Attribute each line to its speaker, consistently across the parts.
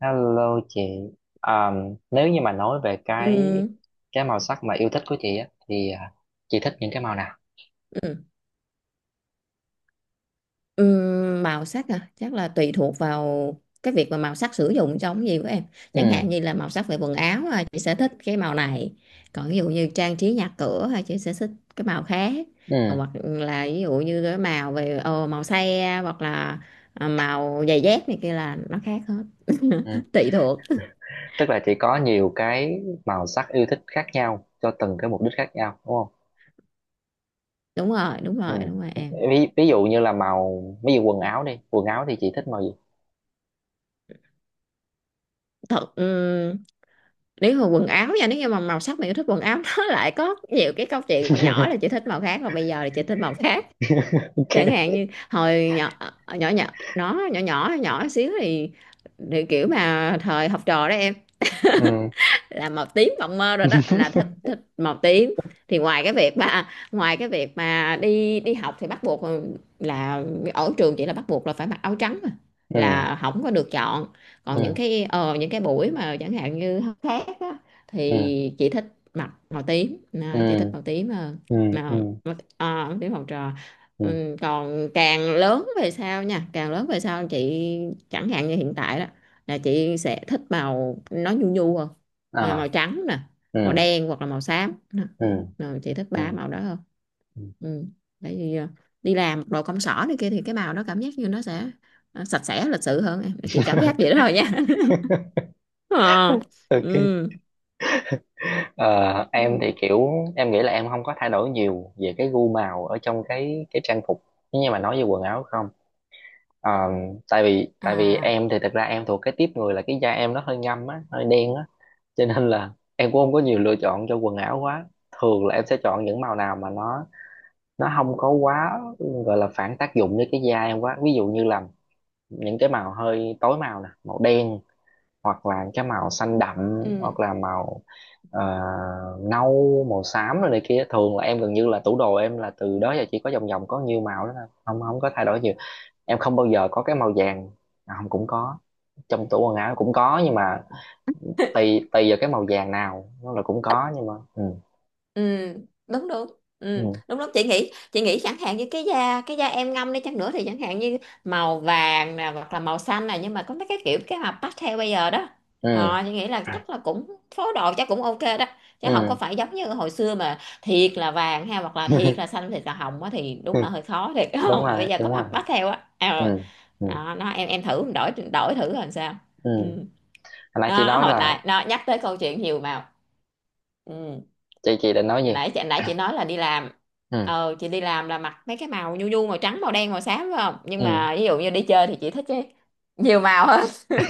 Speaker 1: Hello chị. À, nếu như mà nói về cái
Speaker 2: Ừ,
Speaker 1: cái màu sắc mà yêu thích của chị á thì chị thích những cái màu nào?
Speaker 2: ừ. Ừ, màu sắc à chắc là tùy thuộc vào cái việc mà màu sắc sử dụng trong cái gì của em, chẳng hạn
Speaker 1: Ừ.
Speaker 2: như là màu sắc về quần áo à, chị sẽ thích cái màu này, còn ví dụ như trang trí nhà cửa à, chị sẽ thích cái màu khác, còn
Speaker 1: Ừ.
Speaker 2: hoặc là ví dụ như cái màu về màu xe hoặc là màu giày dép này kia là nó khác hết
Speaker 1: Ừ.
Speaker 2: tùy thuộc.
Speaker 1: Tức là chị có nhiều cái màu sắc yêu thích khác nhau cho từng cái mục đích khác nhau, đúng không?
Speaker 2: Đúng rồi, đúng
Speaker 1: Ừ.
Speaker 2: rồi, đúng rồi em.
Speaker 1: Ví dụ như là màu, ví dụ quần áo đi, quần áo thì chị thích màu gì?
Speaker 2: Thật, nếu mà quần áo nha, nếu như mà màu sắc mà yêu thích quần áo nó lại có nhiều cái câu chuyện, hồi nhỏ là chị thích màu khác và bây giờ là chị thích màu khác. Chẳng hạn
Speaker 1: Ok.
Speaker 2: như hồi nhỏ, nhỏ nhỏ, nó nhỏ nhỏ nhỏ xíu thì kiểu mà thời học trò đó em,
Speaker 1: Ừ.
Speaker 2: là màu tím mộng mơ rồi đó, là thích, thích màu tím. Thì ngoài cái việc mà đi đi học thì bắt buộc là ở trường chỉ là bắt buộc là phải mặc áo trắng mà,
Speaker 1: Ừ.
Speaker 2: là không có được chọn. Còn những
Speaker 1: Ừ.
Speaker 2: cái những cái buổi mà chẳng hạn như học khác á,
Speaker 1: Ừ.
Speaker 2: thì chị thích mặc màu tím, à, chị thích
Speaker 1: Ừ.
Speaker 2: màu tím hơn.
Speaker 1: Ừ. Ừ.
Speaker 2: À, à, tím màu trò.
Speaker 1: Ừ.
Speaker 2: Ừ, còn càng lớn về sau chị, chẳng hạn như hiện tại đó, là chị sẽ thích màu nó nhu nhu hơn,
Speaker 1: À.
Speaker 2: à, màu trắng nè,
Speaker 1: Ừ.
Speaker 2: màu đen hoặc là màu xám. Đó,
Speaker 1: Ừ.
Speaker 2: rồi chị thích
Speaker 1: Ừ.
Speaker 2: ba màu đó hơn. Ừ, tại vì à, đi làm đồ công sở này kia thì cái màu đó cảm giác như nó sẽ à, sạch sẽ lịch sự hơn em, chị cảm giác vậy đó thôi nha. Ờ.
Speaker 1: Ok.
Speaker 2: Ừ.
Speaker 1: Ờ, em thì kiểu em nghĩ là em không có thay đổi nhiều về cái gu màu ở trong cái trang phục, nhưng mà nói về quần áo không. Ờ, tại vì
Speaker 2: À.
Speaker 1: em thì thật ra em thuộc cái tiếp người là cái da em nó hơi ngâm á, hơi đen á, cho nên là em cũng không có nhiều lựa chọn cho quần áo quá. Thường là em sẽ chọn những màu nào mà nó không có quá gọi là phản tác dụng với cái da em quá, ví dụ như là những cái màu hơi tối màu nè, màu đen, hoặc là cái màu xanh đậm,
Speaker 2: Ừ.
Speaker 1: hoặc là màu ờ, nâu, màu xám rồi này kia. Thường là em gần như là tủ đồ em là từ đó giờ chỉ có vòng vòng có nhiêu màu đó thôi, không không có thay đổi nhiều. Em không bao giờ có cái màu vàng. À, không, cũng có, trong tủ quần áo cũng có, nhưng mà tùy tùy vào cái màu vàng nào, nó là cũng có, nhưng mà ừ.
Speaker 2: ừ đúng đúng ừ,
Speaker 1: Ừ.
Speaker 2: đúng đúng, chị nghĩ chẳng hạn như cái da em ngâm đi chăng nữa thì chẳng hạn như màu vàng nè hoặc là màu xanh nè, nhưng mà có mấy cái kiểu cái mà pastel bây giờ đó,
Speaker 1: Ừ.
Speaker 2: ờ chị nghĩ là chắc là cũng phối đồ chắc cũng ok đó, chứ không có
Speaker 1: Ừ.
Speaker 2: phải giống như hồi xưa mà thiệt là vàng ha, hoặc là thiệt là xanh, thiệt là hồng á thì đúng
Speaker 1: Ừ.
Speaker 2: là hơi khó thiệt.
Speaker 1: Đúng
Speaker 2: Không, mà bây
Speaker 1: rồi,
Speaker 2: giờ có
Speaker 1: đúng rồi.
Speaker 2: mặt pastel á,
Speaker 1: Ừ.
Speaker 2: ờ.
Speaker 1: Ừ.
Speaker 2: Đó, nó em thử đổi, đổi thử làm sao.
Speaker 1: Ừ.
Speaker 2: Ừ,
Speaker 1: Hồi nãy chị
Speaker 2: nó
Speaker 1: nói
Speaker 2: hồi
Speaker 1: là,
Speaker 2: nãy nó nhắc tới câu chuyện nhiều màu. Ừ,
Speaker 1: chị định nói gì?
Speaker 2: nãy chị nói là đi làm,
Speaker 1: Ừ.
Speaker 2: ờ chị đi làm là mặc mấy cái màu nhu nhu, màu trắng màu đen màu xám phải không, nhưng
Speaker 1: Ừ.
Speaker 2: mà ví dụ như đi chơi thì chị thích cái nhiều màu hơn.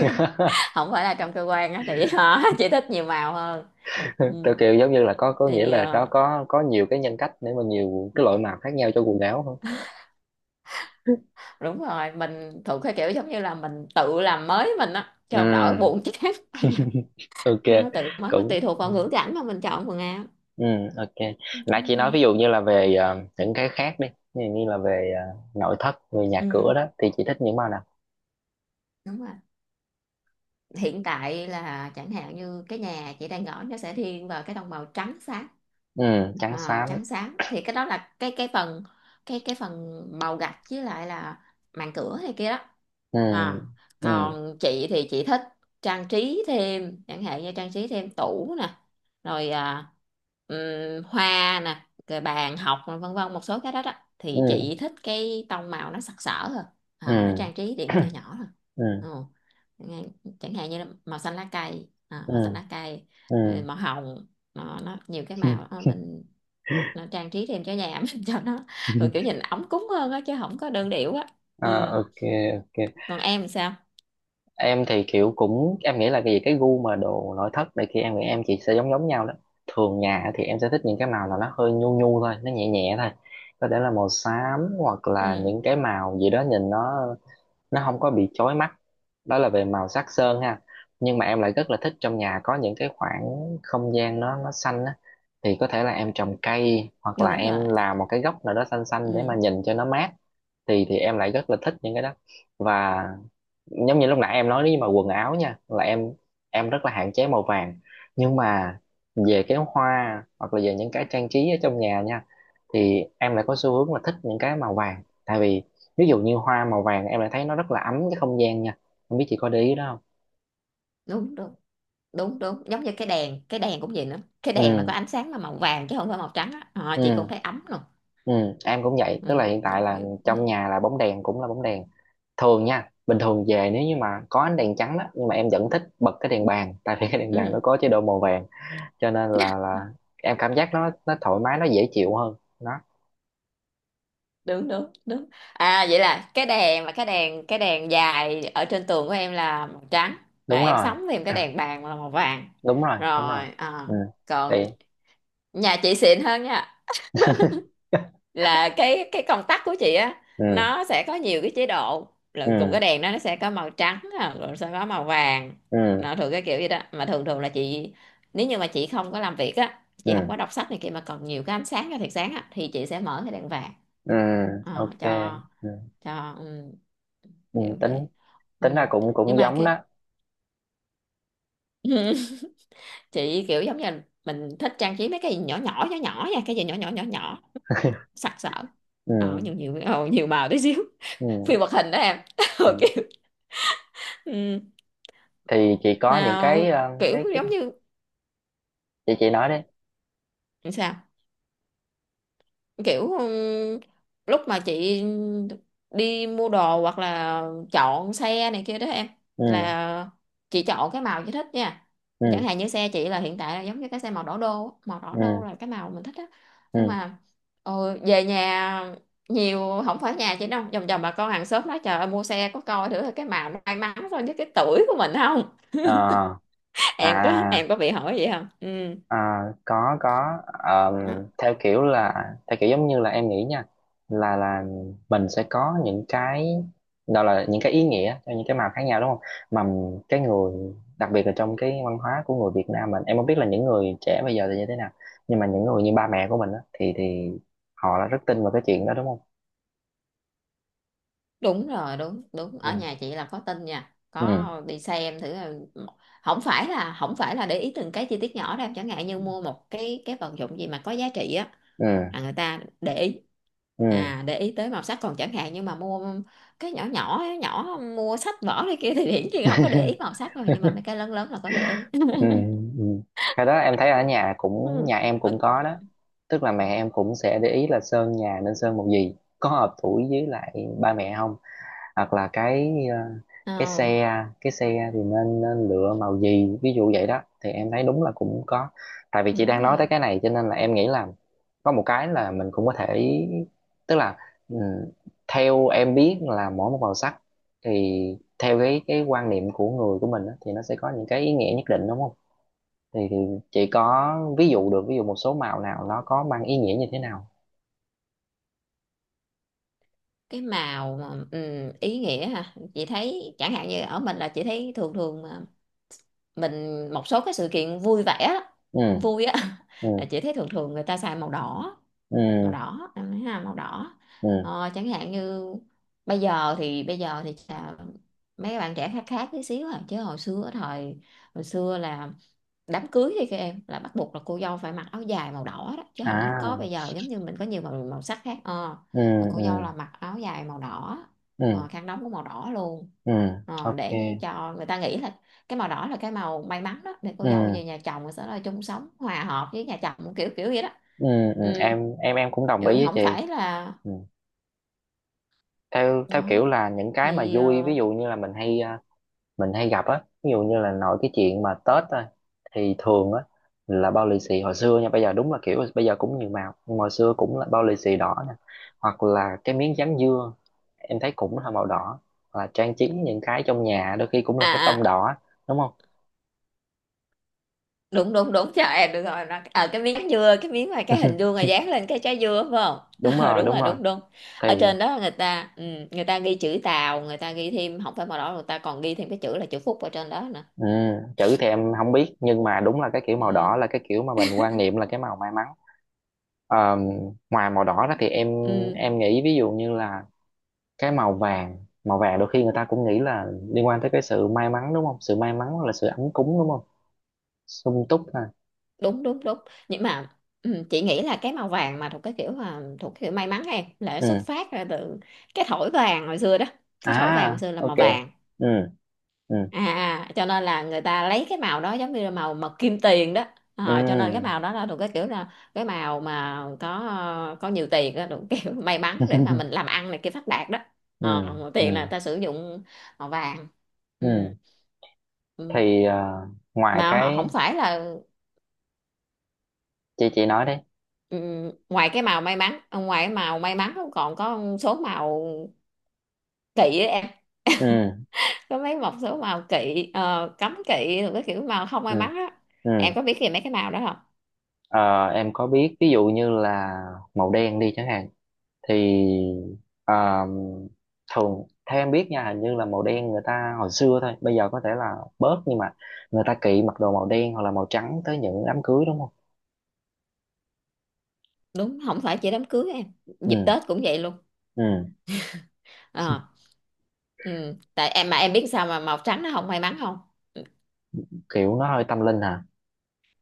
Speaker 2: Không phải là trong cơ quan á thì hả, chị thích nhiều màu hơn. ừ,
Speaker 1: Theo kiểu giống như là có nghĩa
Speaker 2: thì
Speaker 1: là nó
Speaker 2: ờ,
Speaker 1: có nhiều cái nhân cách để mà nhiều cái loại màu khác nhau cho quần áo không?
Speaker 2: Đúng rồi, mình thuộc cái kiểu giống như là mình tự làm mới mình á
Speaker 1: Ừ.
Speaker 2: cho đỡ buồn chán bây giờ,
Speaker 1: Ok.
Speaker 2: nó tự mới mà
Speaker 1: Cũng,
Speaker 2: tùy thuộc vào ngữ cảnh mà mình chọn quần áo.
Speaker 1: ừ. Ok. Nãy
Speaker 2: Đúng
Speaker 1: chị nói
Speaker 2: rồi.
Speaker 1: ví dụ như là về những cái khác đi, ví dụ như là về nội thất, về nhà cửa
Speaker 2: Ừ,
Speaker 1: đó thì chị thích những màu nào?
Speaker 2: đúng rồi, hiện tại là chẳng hạn như cái nhà chị đang ở, nó sẽ thiên vào cái tông màu trắng sáng.
Speaker 1: Ừ. Trắng
Speaker 2: À,
Speaker 1: xám.
Speaker 2: trắng sáng thì cái đó là cái phần, cái phần màu gạch với lại là màn cửa hay kia đó.
Speaker 1: Ừ.
Speaker 2: À,
Speaker 1: Ừ.
Speaker 2: còn chị thích trang trí thêm, chẳng hạn như trang trí thêm tủ nè, rồi à, hoa nè, rồi bàn học nè, vân vân một số cái đó đó, thì
Speaker 1: Ừ.
Speaker 2: chị thích cái tông màu nó sặc sỡ thôi,
Speaker 1: Ừ.
Speaker 2: à, nó trang trí điểm nhỏ nhỏ thôi.
Speaker 1: Ừ.
Speaker 2: Ừ. Nghe- chẳng hạn như là màu xanh lá cây, à,
Speaker 1: Ừ.
Speaker 2: màu xanh lá cây,
Speaker 1: Ừ.
Speaker 2: rồi màu hồng. Nó nhiều cái màu đó, mình nó trang trí thêm cho nhà ấm cho nó, rồi kiểu nhìn ấm cúng hơn á, chứ không có đơn điệu á.
Speaker 1: Ờ.
Speaker 2: Ừ.
Speaker 1: Ok. Ok.
Speaker 2: Còn em sao?
Speaker 1: Em thì kiểu cũng, em nghĩ là cái gì cái gu mà đồ nội thất này kia em nghĩ em chị sẽ giống giống nhau đó. Thường nhà thì em sẽ thích những cái màu là nó hơi nhu nhu thôi, nó nhẹ nhẹ thôi. Có thể là màu xám hoặc là
Speaker 2: Ừ,
Speaker 1: những cái màu gì đó nhìn nó không có bị chói mắt. Đó là về màu sắc sơn ha. Nhưng mà em lại rất là thích trong nhà có những cái khoảng không gian nó xanh á, thì có thể là em trồng cây hoặc là
Speaker 2: đúng rồi.
Speaker 1: em làm một cái góc nào đó xanh xanh để mà
Speaker 2: Ừ,
Speaker 1: nhìn cho nó mát, thì em lại rất là thích những cái đó. Và giống như lúc nãy em nói, nếu như mà quần áo nha là em rất là hạn chế màu vàng, nhưng mà về cái hoa hoặc là về những cái trang trí ở trong nhà nha thì em lại có xu hướng là thích những cái màu vàng, tại vì ví dụ như hoa màu vàng em lại thấy nó rất là ấm cái không gian nha, không biết chị có để ý đó không.
Speaker 2: đúng đúng đúng, đúng giống như cái đèn, cái đèn cũng vậy nữa, cái đèn mà có
Speaker 1: Ừ.
Speaker 2: ánh sáng mà màu vàng chứ không phải màu trắng á. Ờ,
Speaker 1: Ừ.
Speaker 2: chị cũng thấy ấm rồi.
Speaker 1: Ừ. Em cũng vậy, tức
Speaker 2: Ừ.
Speaker 1: là hiện tại
Speaker 2: Đó,
Speaker 1: là
Speaker 2: kiểu-
Speaker 1: trong nhà là bóng đèn cũng là bóng đèn thường nha, bình thường về, nếu như mà có ánh đèn trắng đó nhưng mà em vẫn thích bật cái đèn bàn tại vì cái đèn bàn
Speaker 2: ừ.
Speaker 1: nó có chế độ màu vàng, cho nên là em cảm giác nó thoải mái, nó dễ chịu hơn đó.
Speaker 2: Đúng đúng đúng, à vậy là cái đèn, mà cái đèn, cái đèn dài ở trên tường của em là màu trắng, à,
Speaker 1: Đúng
Speaker 2: em
Speaker 1: rồi.
Speaker 2: sắm thêm cái đèn bàn là màu vàng,
Speaker 1: Đúng rồi, đúng rồi.
Speaker 2: rồi à,
Speaker 1: Ừ. Thì
Speaker 2: còn nhà chị xịn hơn nha, là cái công tắc của chị á,
Speaker 1: ừ.
Speaker 2: nó sẽ có nhiều cái chế độ, lần cùng cái
Speaker 1: Ừ.
Speaker 2: đèn đó nó sẽ có màu trắng nè, rồi sẽ có màu vàng.
Speaker 1: Ừ.
Speaker 2: Nó thường cái kiểu vậy đó, mà thường thường là chị, nếu như mà chị không có làm việc á,
Speaker 1: Ừ.
Speaker 2: chị không có đọc sách này kia mà còn nhiều cái ánh sáng cái thiệt sáng á, thì chị sẽ mở cái đèn vàng.
Speaker 1: Ừ.
Speaker 2: Ờ,
Speaker 1: Ok.
Speaker 2: cho
Speaker 1: Ừ.
Speaker 2: cho ừ,
Speaker 1: Ừ.
Speaker 2: kiểu vậy.
Speaker 1: tính tính ra
Speaker 2: Ừ,
Speaker 1: cũng
Speaker 2: nhưng
Speaker 1: cũng
Speaker 2: mà
Speaker 1: giống
Speaker 2: cái
Speaker 1: đó.
Speaker 2: chị kiểu giống như là mình thích trang trí mấy cái gì nhỏ nhỏ nhỏ nhỏ nha, cái gì nhỏ nhỏ nhỏ nhỏ, nó sặc sỡ,
Speaker 1: Ừ.
Speaker 2: ờ nhiều nhiều, ờ, nhiều màu tí xíu,
Speaker 1: Ừ.
Speaker 2: phim hoạt hình đó em.
Speaker 1: Ừ.
Speaker 2: Ờ, kiểu ừ.
Speaker 1: Thì chị có những
Speaker 2: Mà
Speaker 1: cái ờ,
Speaker 2: kiểu
Speaker 1: cái
Speaker 2: giống như
Speaker 1: chị nói đi.
Speaker 2: sao, kiểu lúc mà chị đi mua đồ hoặc là chọn xe này kia đó em,
Speaker 1: Ừ.
Speaker 2: là chị chọn cái màu chị thích nha, chẳng
Speaker 1: Ừ.
Speaker 2: hạn như xe chị là hiện tại là giống như cái xe màu đỏ đô á. Màu đỏ đô
Speaker 1: Ừ.
Speaker 2: là cái màu mình thích á, nhưng
Speaker 1: Ừ.
Speaker 2: mà ờ, về nhà nhiều, không phải nhà chị đâu, vòng vòng bà con hàng xóm nói trời ơi mua xe có coi thử là cái màu nó may mắn so với cái tuổi của mình không.
Speaker 1: Ờ.
Speaker 2: Em có,
Speaker 1: À.
Speaker 2: em có bị hỏi vậy không? Ừ,
Speaker 1: À, có, có. Theo kiểu là theo kiểu giống như là em nghĩ nha, là mình sẽ có những cái đó là những cái ý nghĩa cho những cái màu khác nhau đúng không? Mà cái người, đặc biệt là trong cái văn hóa của người Việt Nam mình, em không biết là những người trẻ bây giờ thì như thế nào, nhưng mà những người như ba mẹ của mình á, thì họ là rất tin vào cái chuyện đó đúng không?
Speaker 2: đúng rồi, đúng đúng,
Speaker 1: Ừ.
Speaker 2: ở nhà chị là có tin nha,
Speaker 1: Ừ.
Speaker 2: có đi xem thử là- không phải là để ý từng cái chi tiết nhỏ đâu, chẳng hạn như mua một cái vật dụng gì mà có giá trị á,
Speaker 1: Ừ.
Speaker 2: là người ta để ý,
Speaker 1: Ừ.
Speaker 2: à để ý tới màu sắc, còn chẳng hạn như mà mua cái nhỏ nhỏ nhỏ, mua sách vở này kia thì hiển nhiên là không có để ý màu sắc rồi, nhưng mà mấy cái lớn lớn là có để ý.
Speaker 1: Ừ. Ừ. Cái đó em thấy ở nhà cũng,
Speaker 2: Ừ.
Speaker 1: nhà em cũng có đó. Tức là mẹ em cũng sẽ để ý là sơn nhà nên sơn màu gì, có hợp tuổi với lại ba mẹ không, hoặc là cái
Speaker 2: Ờ,
Speaker 1: xe cái xe thì nên lựa màu gì ví dụ vậy đó, thì em thấy đúng là cũng có. Tại vì chị
Speaker 2: đúng
Speaker 1: đang nói tới
Speaker 2: rồi.
Speaker 1: cái này cho nên là em nghĩ là có một cái là mình cũng có thể, tức là ừ, theo em biết là mỗi một màu sắc thì theo cái quan niệm của người của mình á, thì nó sẽ có những cái ý nghĩa nhất định đúng không? Thì chị có ví dụ được, ví dụ một số màu nào nó có mang ý nghĩa như thế nào.
Speaker 2: Cái màu mà ý nghĩa ha, chị thấy chẳng hạn như ở mình là chị thấy thường thường mình một số cái sự kiện vui vẻ á,
Speaker 1: Ừ.
Speaker 2: vui á,
Speaker 1: Ừ.
Speaker 2: là chị thấy thường thường người ta xài màu đỏ,
Speaker 1: Ừ.
Speaker 2: màu đỏ em thấy ha, màu đỏ.
Speaker 1: Ừ.
Speaker 2: Ờ, chẳng hạn như bây giờ thì chà, mấy bạn trẻ khác, khác tí xíu à, chứ hồi xưa thời, hồi xưa là đám cưới thì các em là bắt buộc là cô dâu phải mặc áo dài màu đỏ đó, chứ không có
Speaker 1: À.
Speaker 2: bây giờ giống như mình có nhiều màu, màu sắc khác, ờ,
Speaker 1: Ừ.
Speaker 2: là cô dâu
Speaker 1: Ừ.
Speaker 2: là mặc áo dài màu đỏ,
Speaker 1: Ừ.
Speaker 2: ờ, khăn đóng cũng màu đỏ luôn.
Speaker 1: Ừ.
Speaker 2: Ờ,
Speaker 1: Ok.
Speaker 2: để cho người ta nghĩ là cái màu đỏ là cái màu may mắn đó, để cô
Speaker 1: Ừ.
Speaker 2: dâu về nhà chồng rồi sẽ là chung sống hòa hợp với nhà chồng, kiểu kiểu vậy đó.
Speaker 1: Ừ. Ừ.
Speaker 2: ừ,
Speaker 1: Em cũng đồng ý
Speaker 2: ừ
Speaker 1: với
Speaker 2: không
Speaker 1: chị.
Speaker 2: phải là
Speaker 1: Ừ. theo theo kiểu
Speaker 2: đó,
Speaker 1: là những cái mà
Speaker 2: thì
Speaker 1: vui, ví
Speaker 2: ờ,
Speaker 1: dụ như là mình hay gặp á, ví dụ như là nội cái chuyện mà Tết á, thì thường á là bao lì xì hồi xưa nha, bây giờ đúng là kiểu bây giờ cũng nhiều màu, nhưng mà hồi xưa cũng là bao lì xì đỏ nè, hoặc là cái miếng dán dưa em thấy cũng là màu đỏ, hoặc là trang trí những cái trong nhà đôi khi cũng là cái
Speaker 2: à,
Speaker 1: tông
Speaker 2: à
Speaker 1: đỏ đúng không?
Speaker 2: đúng đúng đúng, trời em được rồi, nó ở cái miếng dưa, cái miếng mà cái hình vuông mà dán lên cái trái dưa phải không?
Speaker 1: Đúng
Speaker 2: Ờ,
Speaker 1: rồi,
Speaker 2: đúng
Speaker 1: đúng
Speaker 2: rồi,
Speaker 1: rồi.
Speaker 2: đúng đúng, ở
Speaker 1: Thì
Speaker 2: trên đó người ta người ta ghi chữ Tàu, người ta ghi thêm, không phải màu đỏ, người ta còn ghi thêm cái chữ là chữ Phúc ở trên đó nữa.
Speaker 1: ừ, chữ thì em không biết nhưng mà đúng là cái kiểu
Speaker 2: ừ,
Speaker 1: màu đỏ là cái kiểu mà mình quan niệm là cái màu may mắn. Ờ, ngoài màu đỏ đó thì em
Speaker 2: ừ,
Speaker 1: em nghĩ ví dụ như là cái màu vàng, màu vàng đôi khi người ta cũng nghĩ là liên quan tới cái sự may mắn đúng không? Sự may mắn là sự ấm cúng đúng không? Sung túc ha.
Speaker 2: đúng đúng đúng, nhưng mà chị nghĩ là cái màu vàng mà thuộc cái kiểu, mà thuộc cái kiểu may mắn em, là nó xuất
Speaker 1: Ừ.
Speaker 2: phát ra từ cái thỏi vàng hồi xưa đó, cái thỏi vàng hồi
Speaker 1: À.
Speaker 2: xưa là
Speaker 1: Ok.
Speaker 2: màu vàng,
Speaker 1: Ừ. Ừ.
Speaker 2: à à, cho nên là người ta lấy cái màu đó giống như là màu, màu kim tiền đó. Ờ, cho nên cái
Speaker 1: Ừ.
Speaker 2: màu đó là thuộc cái kiểu là cái màu mà có nhiều tiền đó, thuộc kiểu may mắn để mà mình làm ăn này kia phát đạt đó.
Speaker 1: Ừ.
Speaker 2: Ờ, tiền là
Speaker 1: Ừ.
Speaker 2: ta sử dụng màu vàng. Ừ.
Speaker 1: Ừ.
Speaker 2: Ừ.
Speaker 1: Thì ngoài
Speaker 2: Mà họ
Speaker 1: cái,
Speaker 2: không phải là
Speaker 1: chị nói đấy.
Speaker 2: ừ, ngoài cái màu may mắn, ngoài cái màu may mắn còn có số màu kỵ ấy em,
Speaker 1: Ừ.
Speaker 2: có mấy một số màu kỵ, ờ, cấm kỵ rồi cái kiểu màu không
Speaker 1: Ừ.
Speaker 2: may mắn á.
Speaker 1: Ừ.
Speaker 2: Em có biết gì mấy cái màu đó?
Speaker 1: Ờ, em có biết ví dụ như là màu đen đi chẳng hạn, thì à, thường theo em biết nha, hình như là màu đen người ta hồi xưa thôi bây giờ có thể là bớt, nhưng mà người ta kỵ mặc đồ màu đen hoặc là màu trắng tới những đám cưới đúng không?
Speaker 2: Đúng, không phải chỉ đám cưới em, dịp
Speaker 1: Ừ.
Speaker 2: Tết cũng vậy luôn.
Speaker 1: Ừ.
Speaker 2: Ờ, ừ, tại em mà em biết sao mà màu trắng nó không may mắn không?
Speaker 1: Kiểu nó hơi tâm linh hả.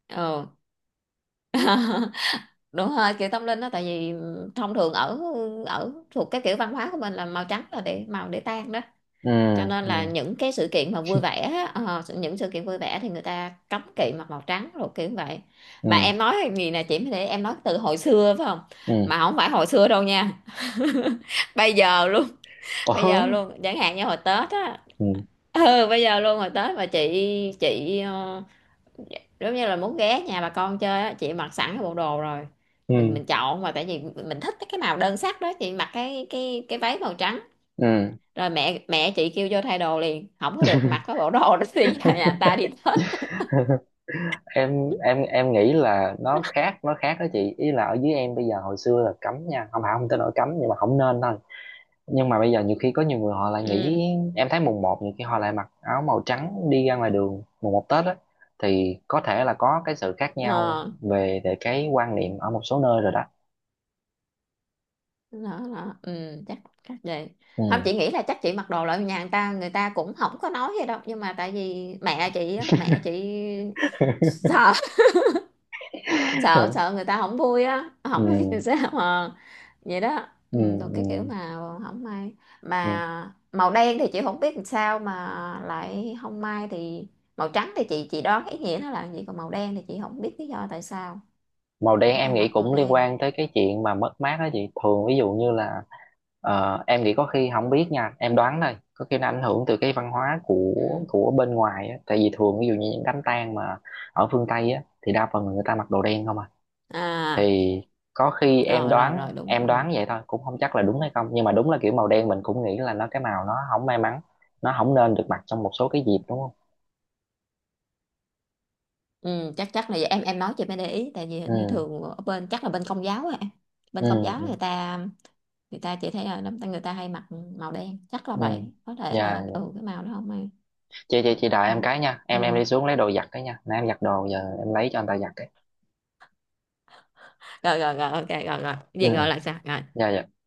Speaker 2: Ừ. Đúng rồi, kiểu tâm linh đó, tại vì thông thường ở, ở thuộc cái kiểu văn hóa của mình là màu trắng là để màu để tan đó,
Speaker 1: Ừ.
Speaker 2: cho nên
Speaker 1: Ừ.
Speaker 2: là những cái sự kiện mà vui vẻ á, ờ, những sự kiện vui vẻ thì người ta cấm kỵ mặc màu trắng rồi, kiểu vậy.
Speaker 1: Ừ.
Speaker 2: Mà em nói cái gì nè chị mới để em nói từ hồi xưa phải không?
Speaker 1: Ừ.
Speaker 2: Mà không phải hồi xưa đâu nha. Bây giờ luôn, bây
Speaker 1: Ủa?
Speaker 2: giờ luôn, chẳng hạn như hồi Tết á.
Speaker 1: Ừ.
Speaker 2: Ừ bây giờ luôn, rồi Tết mà chị ờ, giống như là muốn ghé nhà bà con chơi á, chị mặc sẵn cái bộ đồ rồi,
Speaker 1: Ừ.
Speaker 2: mình chọn mà tại vì mình thích cái màu đơn sắc đó, chị mặc cái cái váy màu trắng,
Speaker 1: Ừ.
Speaker 2: rồi mẹ mẹ chị kêu vô thay đồ liền, không có được mặc cái bộ đồ đó, thì giờ nhà ta đi Tết.
Speaker 1: Em nghĩ là nó khác, nó khác đó chị, ý là ở dưới em bây giờ hồi xưa là cấm nha, không phải không tới nỗi cấm nhưng mà không nên thôi, nhưng mà bây giờ nhiều khi có nhiều người họ lại
Speaker 2: Ừ.
Speaker 1: nghĩ, em thấy mùng một nhiều khi họ lại mặc áo màu trắng đi ra ngoài đường mùng một Tết á, thì có thể là có cái sự khác nhau
Speaker 2: Ờ
Speaker 1: về về cái quan niệm ở một số nơi rồi đó.
Speaker 2: đó, đó. Ừ chắc, chắc vậy,
Speaker 1: Ừ.
Speaker 2: không chị nghĩ là chắc chị mặc đồ lại nhà người ta, người ta cũng không có nói gì đâu, nhưng mà tại vì mẹ chị á, mẹ chị sợ, sợ người ta không vui á, không biết làm
Speaker 1: Ừ.
Speaker 2: sao mà vậy đó,
Speaker 1: Ừ.
Speaker 2: ừ, tôi
Speaker 1: Ừ.
Speaker 2: cái kiểu mà không may.
Speaker 1: Ừ.
Speaker 2: Mà màu đen thì chị không biết làm sao mà lại không may, thì màu trắng thì chị đoán ý nghĩa nó là gì, còn màu đen thì chị không biết lý do tại sao
Speaker 1: Màu đen
Speaker 2: không
Speaker 1: em
Speaker 2: cho
Speaker 1: nghĩ
Speaker 2: mặc màu
Speaker 1: cũng liên
Speaker 2: đen.
Speaker 1: quan tới cái chuyện mà mất mát đó chị, thường ví dụ như là em nghĩ có khi, không biết nha em đoán thôi, có khi nó ảnh hưởng từ cái văn hóa của
Speaker 2: Ừ.
Speaker 1: của bên ngoài á, tại vì thường ví dụ như những đám tang mà ở phương Tây á thì đa phần là người ta mặc đồ đen không à,
Speaker 2: À,
Speaker 1: thì có khi em
Speaker 2: rồi rồi
Speaker 1: đoán
Speaker 2: rồi đúng
Speaker 1: em
Speaker 2: ừ.
Speaker 1: đoán vậy thôi cũng không chắc là đúng hay không, nhưng mà đúng là kiểu màu đen mình cũng nghĩ là nó cái màu nó không may mắn, nó không nên được mặc trong một số cái dịp đúng không?
Speaker 2: Ừ, chắc chắc là vậy. Em nói chị mới để ý, tại vì
Speaker 1: Ừ.
Speaker 2: hình như thường ở bên chắc là bên công giáo á em,
Speaker 1: Ừ.
Speaker 2: bên công giáo
Speaker 1: Ừ.
Speaker 2: người ta, người ta chỉ thấy là đám người ta hay mặc màu đen, chắc là
Speaker 1: Ừ.
Speaker 2: vậy, có thể
Speaker 1: Dạ,
Speaker 2: là ừ cái màu đó không ai.
Speaker 1: chị đợi em cái nha, em
Speaker 2: Ừ,
Speaker 1: đi xuống lấy đồ giặt cái nha, nãy em giặt đồ giờ em lấy cho anh ta giặt cái.
Speaker 2: rồi rồi rồi ok, rồi rồi,
Speaker 1: Ừ.
Speaker 2: vậy
Speaker 1: Ừ.
Speaker 2: gọi là sao rồi?
Speaker 1: Dạ, dạ.